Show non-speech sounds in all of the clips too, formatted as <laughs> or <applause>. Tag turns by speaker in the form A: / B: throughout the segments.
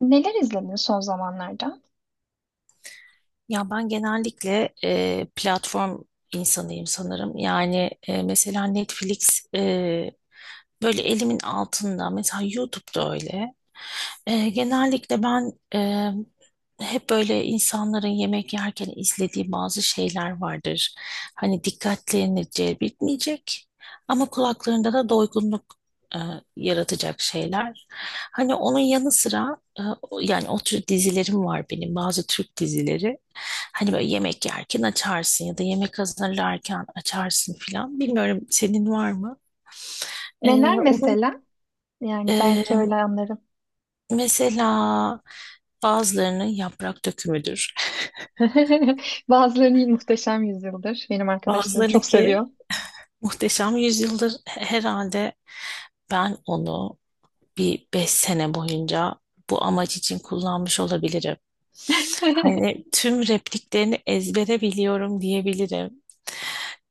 A: Neler izledin son zamanlarda?
B: Ya ben genellikle platform insanıyım sanırım. Yani mesela Netflix böyle elimin altında. Mesela YouTube'da öyle. Genellikle ben hep böyle insanların yemek yerken izlediği bazı şeyler vardır. Hani dikkatlerini celbetmeyecek ama kulaklarında da doygunluk e, yaratacak şeyler. Hani onun yanı sıra yani o tür dizilerim var benim bazı Türk dizileri. Hani böyle yemek yerken açarsın ya da yemek hazırlarken açarsın filan. Bilmiyorum senin var mı? E,
A: Neler
B: onun
A: mesela? Yani
B: e,
A: belki öyle anlarım.
B: mesela bazılarının yaprak dökümüdür.
A: <laughs> Bazılarını muhteşem yüzyıldır. Benim arkadaşlarım çok
B: Bazılarınınki
A: seviyor.
B: muhteşem yüzyıldır herhalde ben onu bir 5 sene boyunca bu amaç için kullanmış olabilirim.
A: <laughs>
B: Hani tüm repliklerini ezbere biliyorum diyebilirim.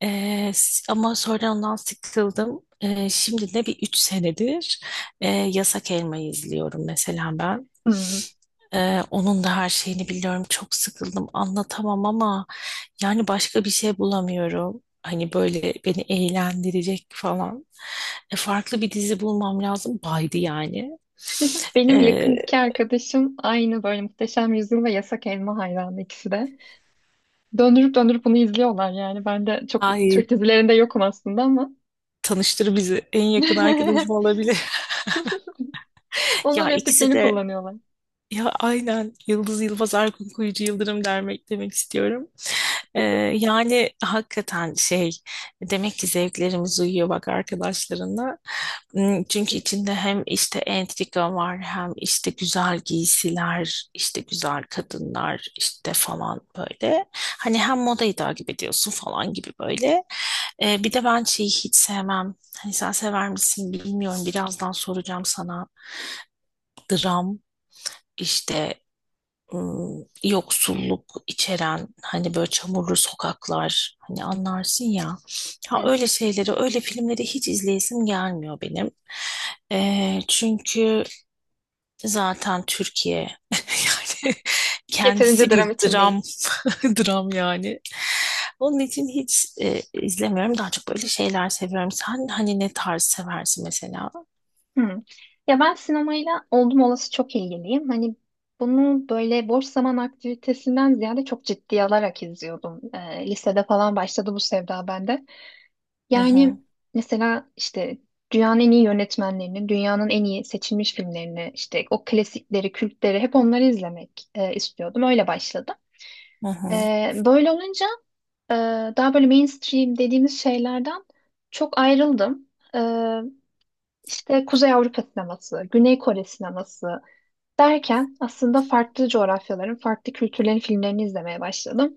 B: Ama sonra ondan sıkıldım. Şimdi de bir 3 senedir Yasak Elma'yı izliyorum mesela ben.
A: Hmm.
B: Onun da her şeyini biliyorum. Çok sıkıldım. Anlatamam ama yani başka bir şey bulamıyorum. Hani böyle beni eğlendirecek falan. Farklı bir dizi bulmam lazım. Baydı yani.
A: Benim
B: E,
A: yakındaki arkadaşım aynı böyle Muhteşem Yüzyıl ve Yasak Elma hayranı ikisi de. Döndürüp döndürüp bunu izliyorlar yani. Ben de çok
B: ay
A: Türk dizilerinde yokum aslında ama.
B: tanıştır bizi. En yakın arkadaşım
A: <laughs>
B: olabilir. <laughs>
A: Onun
B: Ya ikisi
A: repliklerini
B: de
A: kullanıyorlar.
B: ya aynen Yıldız Yılmaz Erkun Kuyucu Yıldırım demek istiyorum. Ee, yani hakikaten şey demek ki zevklerimiz uyuyor bak arkadaşlarına. Hmm, çünkü içinde hem işte entrika var hem işte güzel giysiler işte güzel kadınlar işte falan böyle. Hani hem modayı takip ediyorsun falan gibi böyle. Bir de ben şeyi hiç sevmem. Hani sen sever misin bilmiyorum birazdan soracağım sana. Dram işte yoksulluk içeren hani böyle çamurlu sokaklar hani anlarsın ya. Ha öyle
A: Evet.
B: şeyleri, öyle filmleri hiç izleyesim gelmiyor benim. Çünkü zaten Türkiye <laughs> yani
A: Yeterince
B: kendisi bir
A: dram için
B: dram
A: değil.
B: <laughs> dram yani. Onun için hiç izlemiyorum. Daha çok böyle şeyler seviyorum. Sen hani ne tarz seversin mesela?
A: Hı. Ya ben sinemayla oldum olası çok ilgiliyim. Hani bunu böyle boş zaman aktivitesinden ziyade çok ciddiye alarak izliyordum. Lisede falan başladı bu sevda bende.
B: Hı
A: Yani
B: hı,
A: mesela işte dünyanın en iyi yönetmenlerini, dünyanın en iyi seçilmiş filmlerini, işte o klasikleri, kültleri hep onları izlemek istiyordum. Öyle başladım.
B: hı hı,
A: Böyle olunca Ee, daha böyle mainstream dediğimiz şeylerden çok ayrıldım. Ee, işte Kuzey Avrupa sineması, Güney Kore sineması derken aslında farklı coğrafyaların, farklı kültürlerin filmlerini izlemeye başladım.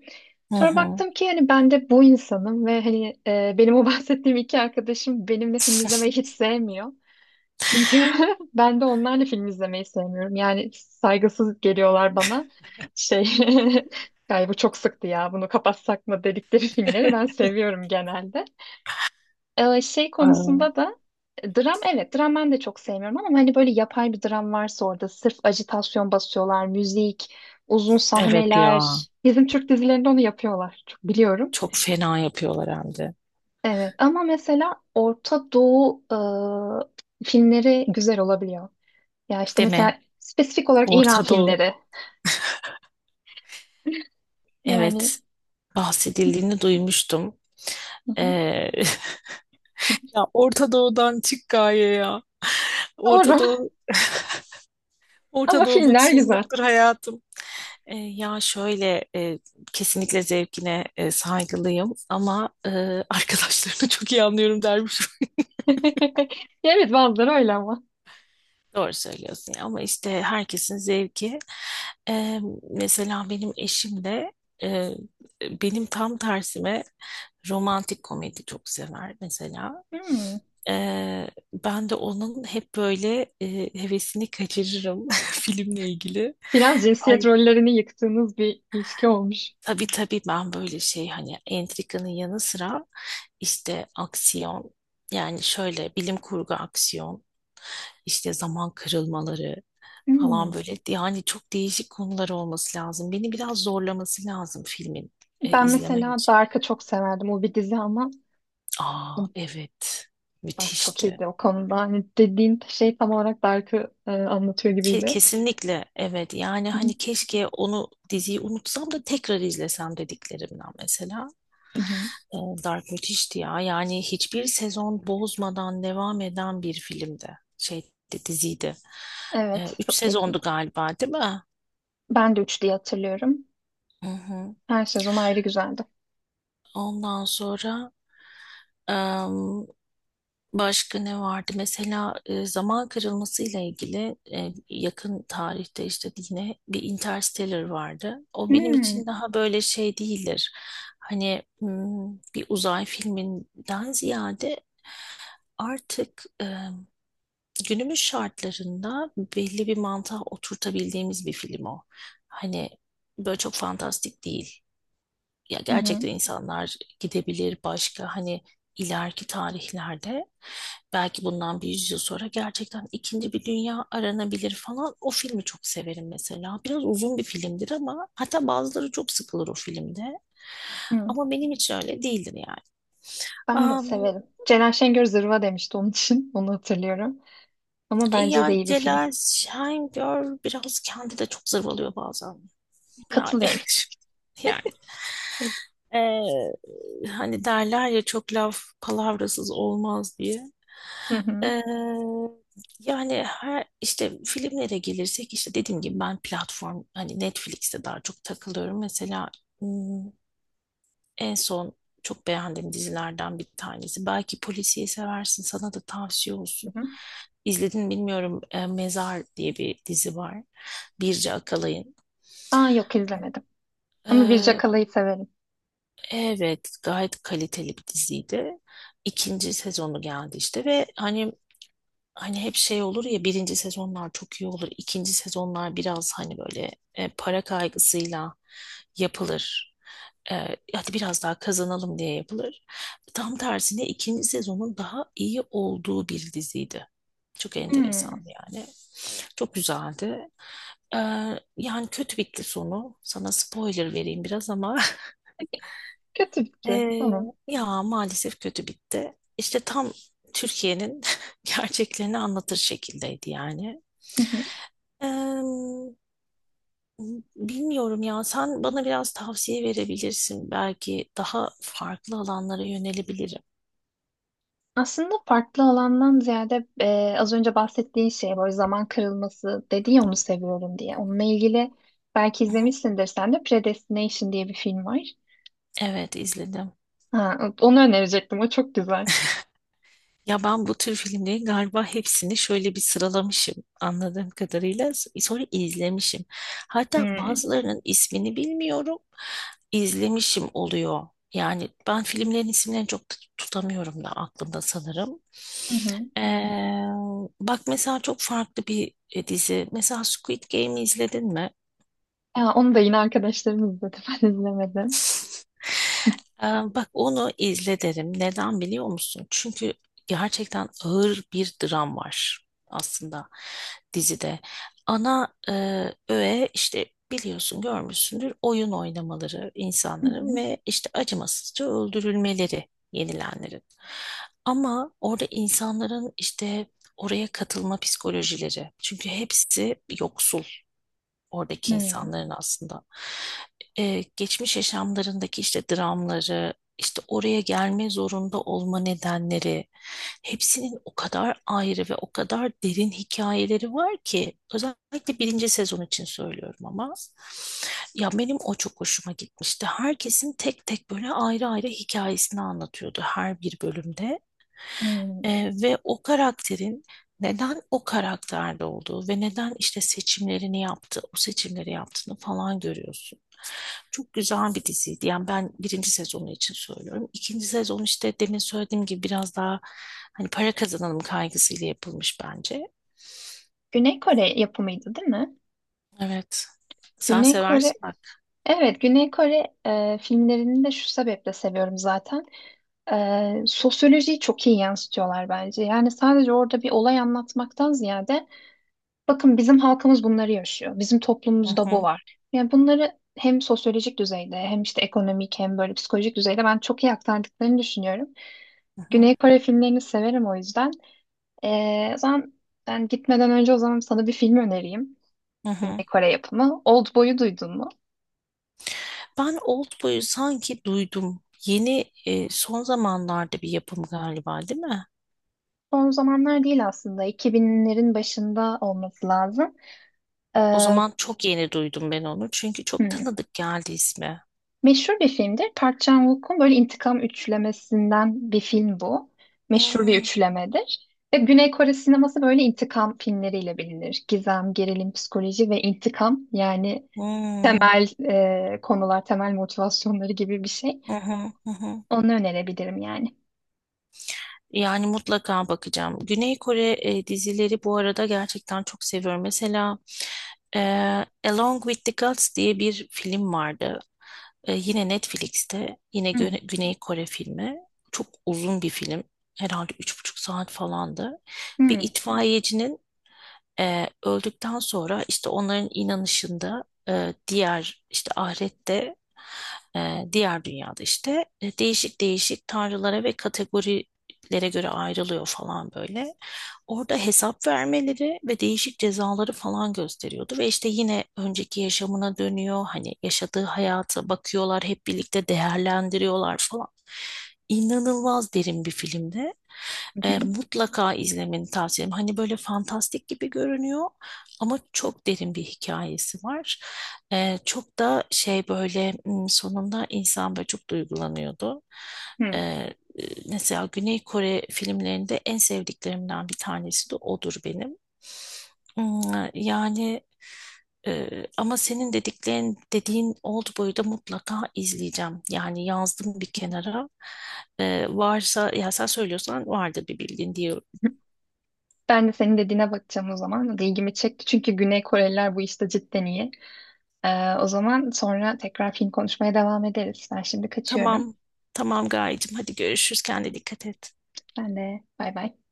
B: hı
A: Sonra
B: hı.
A: baktım ki hani ben de bu insanım ve hani benim o <laughs> bahsettiğim iki arkadaşım benimle film izlemeyi hiç
B: <laughs>
A: sevmiyor. Çünkü <laughs> ben de onlarla film izlemeyi sevmiyorum. Yani saygısız geliyorlar bana. Şey, <laughs> galiba çok sıktı ya bunu kapatsak mı dedikleri filmleri ben seviyorum genelde. Şey
B: Ay,
A: konusunda da dram, evet, dram ben de çok sevmiyorum ama hani böyle yapay bir dram varsa orada sırf ajitasyon basıyorlar, müzik, uzun
B: evet ya.
A: sahneler. Bizim Türk dizilerinde onu yapıyorlar. Çok biliyorum.
B: Çok fena yapıyorlar hem de.
A: Evet ama mesela Orta Doğu filmleri güzel olabiliyor. Ya işte
B: Deme.
A: mesela spesifik olarak İran
B: Orta Doğu.
A: filmleri. Yani
B: Evet. Bahsedildiğini duymuştum.
A: hı hı.
B: Ee, <laughs> ya Orta Doğu'dan çık gaye ya. Orta
A: Doğru. <laughs>
B: Doğu,
A: Ama
B: Orta Doğu
A: filmler güzel.
B: mutsuzluktur hayatım. Ya şöyle kesinlikle zevkine saygılıyım ama <laughs> arkadaşlarını çok iyi anlıyorum dermiş.
A: <laughs> Ya, evet, bazıları öyle ama.
B: Doğru söylüyorsun ya. Ama işte herkesin zevki. Ee, mesela benim eşim de e, benim tam tersime romantik komedi çok sever mesela.
A: Hmm.
B: Ben de onun hep böyle hevesini kaçırırım <laughs> filmle ilgili.
A: Biraz cinsiyet
B: Ay,
A: rollerini yıktığınız bir ilişki olmuş.
B: tabii tabii ben böyle şey hani entrikanın yanı sıra işte aksiyon yani şöyle bilim kurgu aksiyon işte zaman kırılmaları falan
A: Hmm.
B: böyle yani çok değişik konular olması lazım. Beni biraz zorlaması lazım filmin
A: Ben
B: izlemem
A: mesela
B: için.
A: Dark'ı çok severdim. O bir dizi ama
B: Aa, evet
A: Dark çok
B: müthişti.
A: iyiydi o konuda. Hani dediğin şey tam olarak Dark'ı anlatıyor
B: Ke-
A: gibiydi.
B: Kesinlikle evet yani
A: Hı hı,
B: hani keşke onu diziyi unutsam da tekrar izlesem dediklerimden mesela.
A: hı hı.
B: E, Dark müthişti ya yani hiçbir sezon bozmadan devam eden bir filmdi şey diziydi.
A: Evet,
B: Üç
A: çok
B: sezondu
A: keyifliydi.
B: galiba değil mi?
A: Ben de 3 diye hatırlıyorum.
B: Hı hı.
A: Her sezon ayrı güzeldi.
B: Ondan sonra Em, Başka ne vardı? Mesela zaman kırılması ile ilgili yakın tarihte işte yine bir Interstellar vardı. O benim
A: Hmm.
B: için daha böyle şey değildir. Hani bir uzay filminden ziyade artık günümüz şartlarında belli bir mantığa oturtabildiğimiz bir film o. Hani böyle çok fantastik değil ya
A: Hı hı.
B: gerçekten insanlar gidebilir başka hani ileriki tarihlerde belki bundan bir yüzyıl sonra gerçekten ikinci bir dünya aranabilir falan. O filmi çok severim mesela. Biraz uzun bir filmdir ama hatta bazıları çok sıkılır o filmde.
A: Hı.
B: Ama benim için öyle değildir yani.
A: Ben de
B: Am,
A: severim. Ceren Şengör zırva demişti onun için. <laughs> Onu hatırlıyorum. Ama bence de
B: yani
A: iyi bir film.
B: Celal Şengör biraz kendi de çok zırvalıyor bazen. Yani <laughs>
A: Katılıyorum.
B: yani
A: Hı
B: Ee, hani derler ya çok laf palavrasız olmaz diye.
A: hı.
B: Ee, yani her işte filmlere gelirsek işte dediğim gibi ben platform hani Netflix'te daha çok takılıyorum. Mesela hmm, en son çok beğendiğim dizilerden bir tanesi. Belki polisiye seversin sana da tavsiye
A: Hı
B: olsun.
A: hı.
B: İzledin bilmiyorum Mezar diye bir dizi var. Birce Akalay'ın.
A: Aa, yok, izlemedim. Ama Birce Kala'yı severim.
B: Evet, gayet kaliteli bir diziydi. İkinci sezonu geldi işte ve hani hep şey olur ya birinci sezonlar çok iyi olur. ikinci sezonlar biraz hani böyle para kaygısıyla yapılır. Hadi biraz daha kazanalım diye yapılır. Tam tersine ikinci sezonun daha iyi olduğu bir diziydi. Çok
A: Hmm.
B: enteresandı yani. Çok güzeldi. E, yani kötü bitti sonu. Sana spoiler vereyim biraz ama
A: Kötü bitti.
B: ee,
A: Tamam.
B: ya maalesef kötü bitti. İşte tam Türkiye'nin <laughs> gerçeklerini anlatır şekildeydi yani.
A: Hı hı.
B: Ee, bilmiyorum ya sen bana biraz tavsiye verebilirsin. Belki daha farklı alanlara yönelebilirim.
A: Aslında farklı alandan ziyade az önce bahsettiğin şey böyle zaman kırılması dedi ya onu seviyorum diye. Onunla ilgili belki
B: Hı hı.
A: izlemişsindir sen de Predestination diye bir film var.
B: Evet, izledim.
A: Ha, onu önerecektim. O çok güzel.
B: Ya ben bu tür filmlerin galiba hepsini şöyle bir sıralamışım anladığım kadarıyla. Sonra izlemişim. Hatta
A: Hmm.
B: bazılarının ismini bilmiyorum. İzlemişim oluyor. Yani ben filmlerin isimlerini çok tutamıyorum da aklımda sanırım.
A: Hı hı.
B: Ee, bak mesela çok farklı bir dizi. Mesela Squid Game'i izledin mi?
A: Ya, onu da yine arkadaşlarım izledi. <laughs> Ben izlemedim.
B: Ee, Bak onu izle derim. Neden biliyor musun? Çünkü gerçekten ağır bir dram var aslında dizide. Ana öğe işte biliyorsun görmüşsündür oyun oynamaları
A: Hı
B: insanların
A: hı.
B: ve işte acımasızca öldürülmeleri yenilenlerin. Ama orada insanların işte oraya katılma psikolojileri. Çünkü hepsi yoksul oradaki
A: Hmm,
B: insanların aslında geçmiş yaşamlarındaki işte dramları, işte oraya gelme zorunda olma nedenleri, hepsinin o kadar ayrı ve o kadar derin hikayeleri var ki özellikle birinci sezon için söylüyorum ama ya benim o çok hoşuma gitmişti. Herkesin tek tek böyle ayrı ayrı hikayesini anlatıyordu her bir bölümde.
A: hmm.
B: Ve o karakterin neden o karakterde olduğu ve neden işte seçimlerini yaptı, o seçimleri yaptığını falan görüyorsun. Çok güzel bir diziydi. Yani ben birinci sezonu için söylüyorum. İkinci sezon işte demin söylediğim gibi biraz daha hani para kazanalım kaygısıyla yapılmış bence.
A: Güney Kore yapımıydı, değil mi?
B: Evet. Sen
A: Güney Kore,
B: seversin bak.
A: evet, Güney Kore filmlerini de şu sebeple seviyorum zaten. E, sosyolojiyi çok iyi yansıtıyorlar bence. Yani sadece orada bir olay anlatmaktan ziyade bakın bizim halkımız bunları yaşıyor. Bizim
B: Hı
A: toplumumuzda bu
B: hı,
A: var. Yani bunları hem sosyolojik düzeyde hem işte ekonomik hem böyle psikolojik düzeyde ben çok iyi aktardıklarını düşünüyorum.
B: hı hı,
A: Güney Kore filmlerini severim o yüzden. O zaman ben gitmeden önce o zaman sana bir film önereyim.
B: hı
A: Güney
B: hı.
A: Kore yapımı. Oldboy'u duydun mu?
B: Ben Oldboy'u sanki duydum. Yeni son zamanlarda bir yapım galiba, değil mi?
A: Son zamanlar değil aslında. 2000'lerin başında olması lazım.
B: O
A: Ee,
B: zaman çok yeni duydum ben onu. Çünkü çok
A: hmm.
B: tanıdık geldi ismi.
A: Meşhur bir filmdir. Park Chan-wook'un böyle intikam üçlemesinden bir film bu. Meşhur bir
B: Hmm,
A: üçlemedir. Ve Güney Kore sineması böyle intikam filmleriyle bilinir. Gizem, gerilim, psikoloji ve intikam, yani
B: hmm,
A: temel konular, temel motivasyonları gibi bir şey.
B: hı hı, hı hı.
A: Onu önerebilirim yani.
B: Yani mutlaka bakacağım. Güney Kore dizileri bu arada gerçekten çok seviyorum. Mesela e, Along with the Gods diye bir film vardı. Yine Netflix'te. Yine
A: Hmm.
B: Güney Kore filmi. Çok uzun bir film. Herhalde 3,5 saat falandı. Bir
A: Hmm.
B: itfaiyecinin öldükten sonra işte onların inanışında diğer işte ahirette diğer dünyada işte değişik değişik tanrılara ve kategorilere göre ayrılıyor falan böyle. Orada hesap vermeleri ve değişik cezaları falan gösteriyordu ve işte yine önceki yaşamına dönüyor. Hani yaşadığı hayata bakıyorlar, hep birlikte değerlendiriyorlar falan. İnanılmaz derin bir filmdi.
A: Hı hı.
B: Mutlaka izlemeni tavsiye ederim. Hani böyle fantastik gibi görünüyor ama çok derin bir hikayesi var. Çok da şey böyle sonunda insan böyle çok duygulanıyordu. E,
A: Hı.
B: e, mesela Güney Kore filmlerinde en sevdiklerimden bir tanesi de odur benim. Hmm, yani ama senin dediğin Oldboy'u da mutlaka izleyeceğim. Yani yazdım bir kenara. Varsa ya sen söylüyorsan vardır bir bildiğin diyor.
A: Ben de senin dediğine bakacağım o zaman. İlgimi çekti çünkü Güney Koreliler bu işte cidden iyi. O zaman sonra tekrar film konuşmaya devam ederiz. Ben şimdi kaçıyorum.
B: Tamam. Tamam Gayecığım, hadi görüşürüz, kendine dikkat et.
A: Ben de bay bay.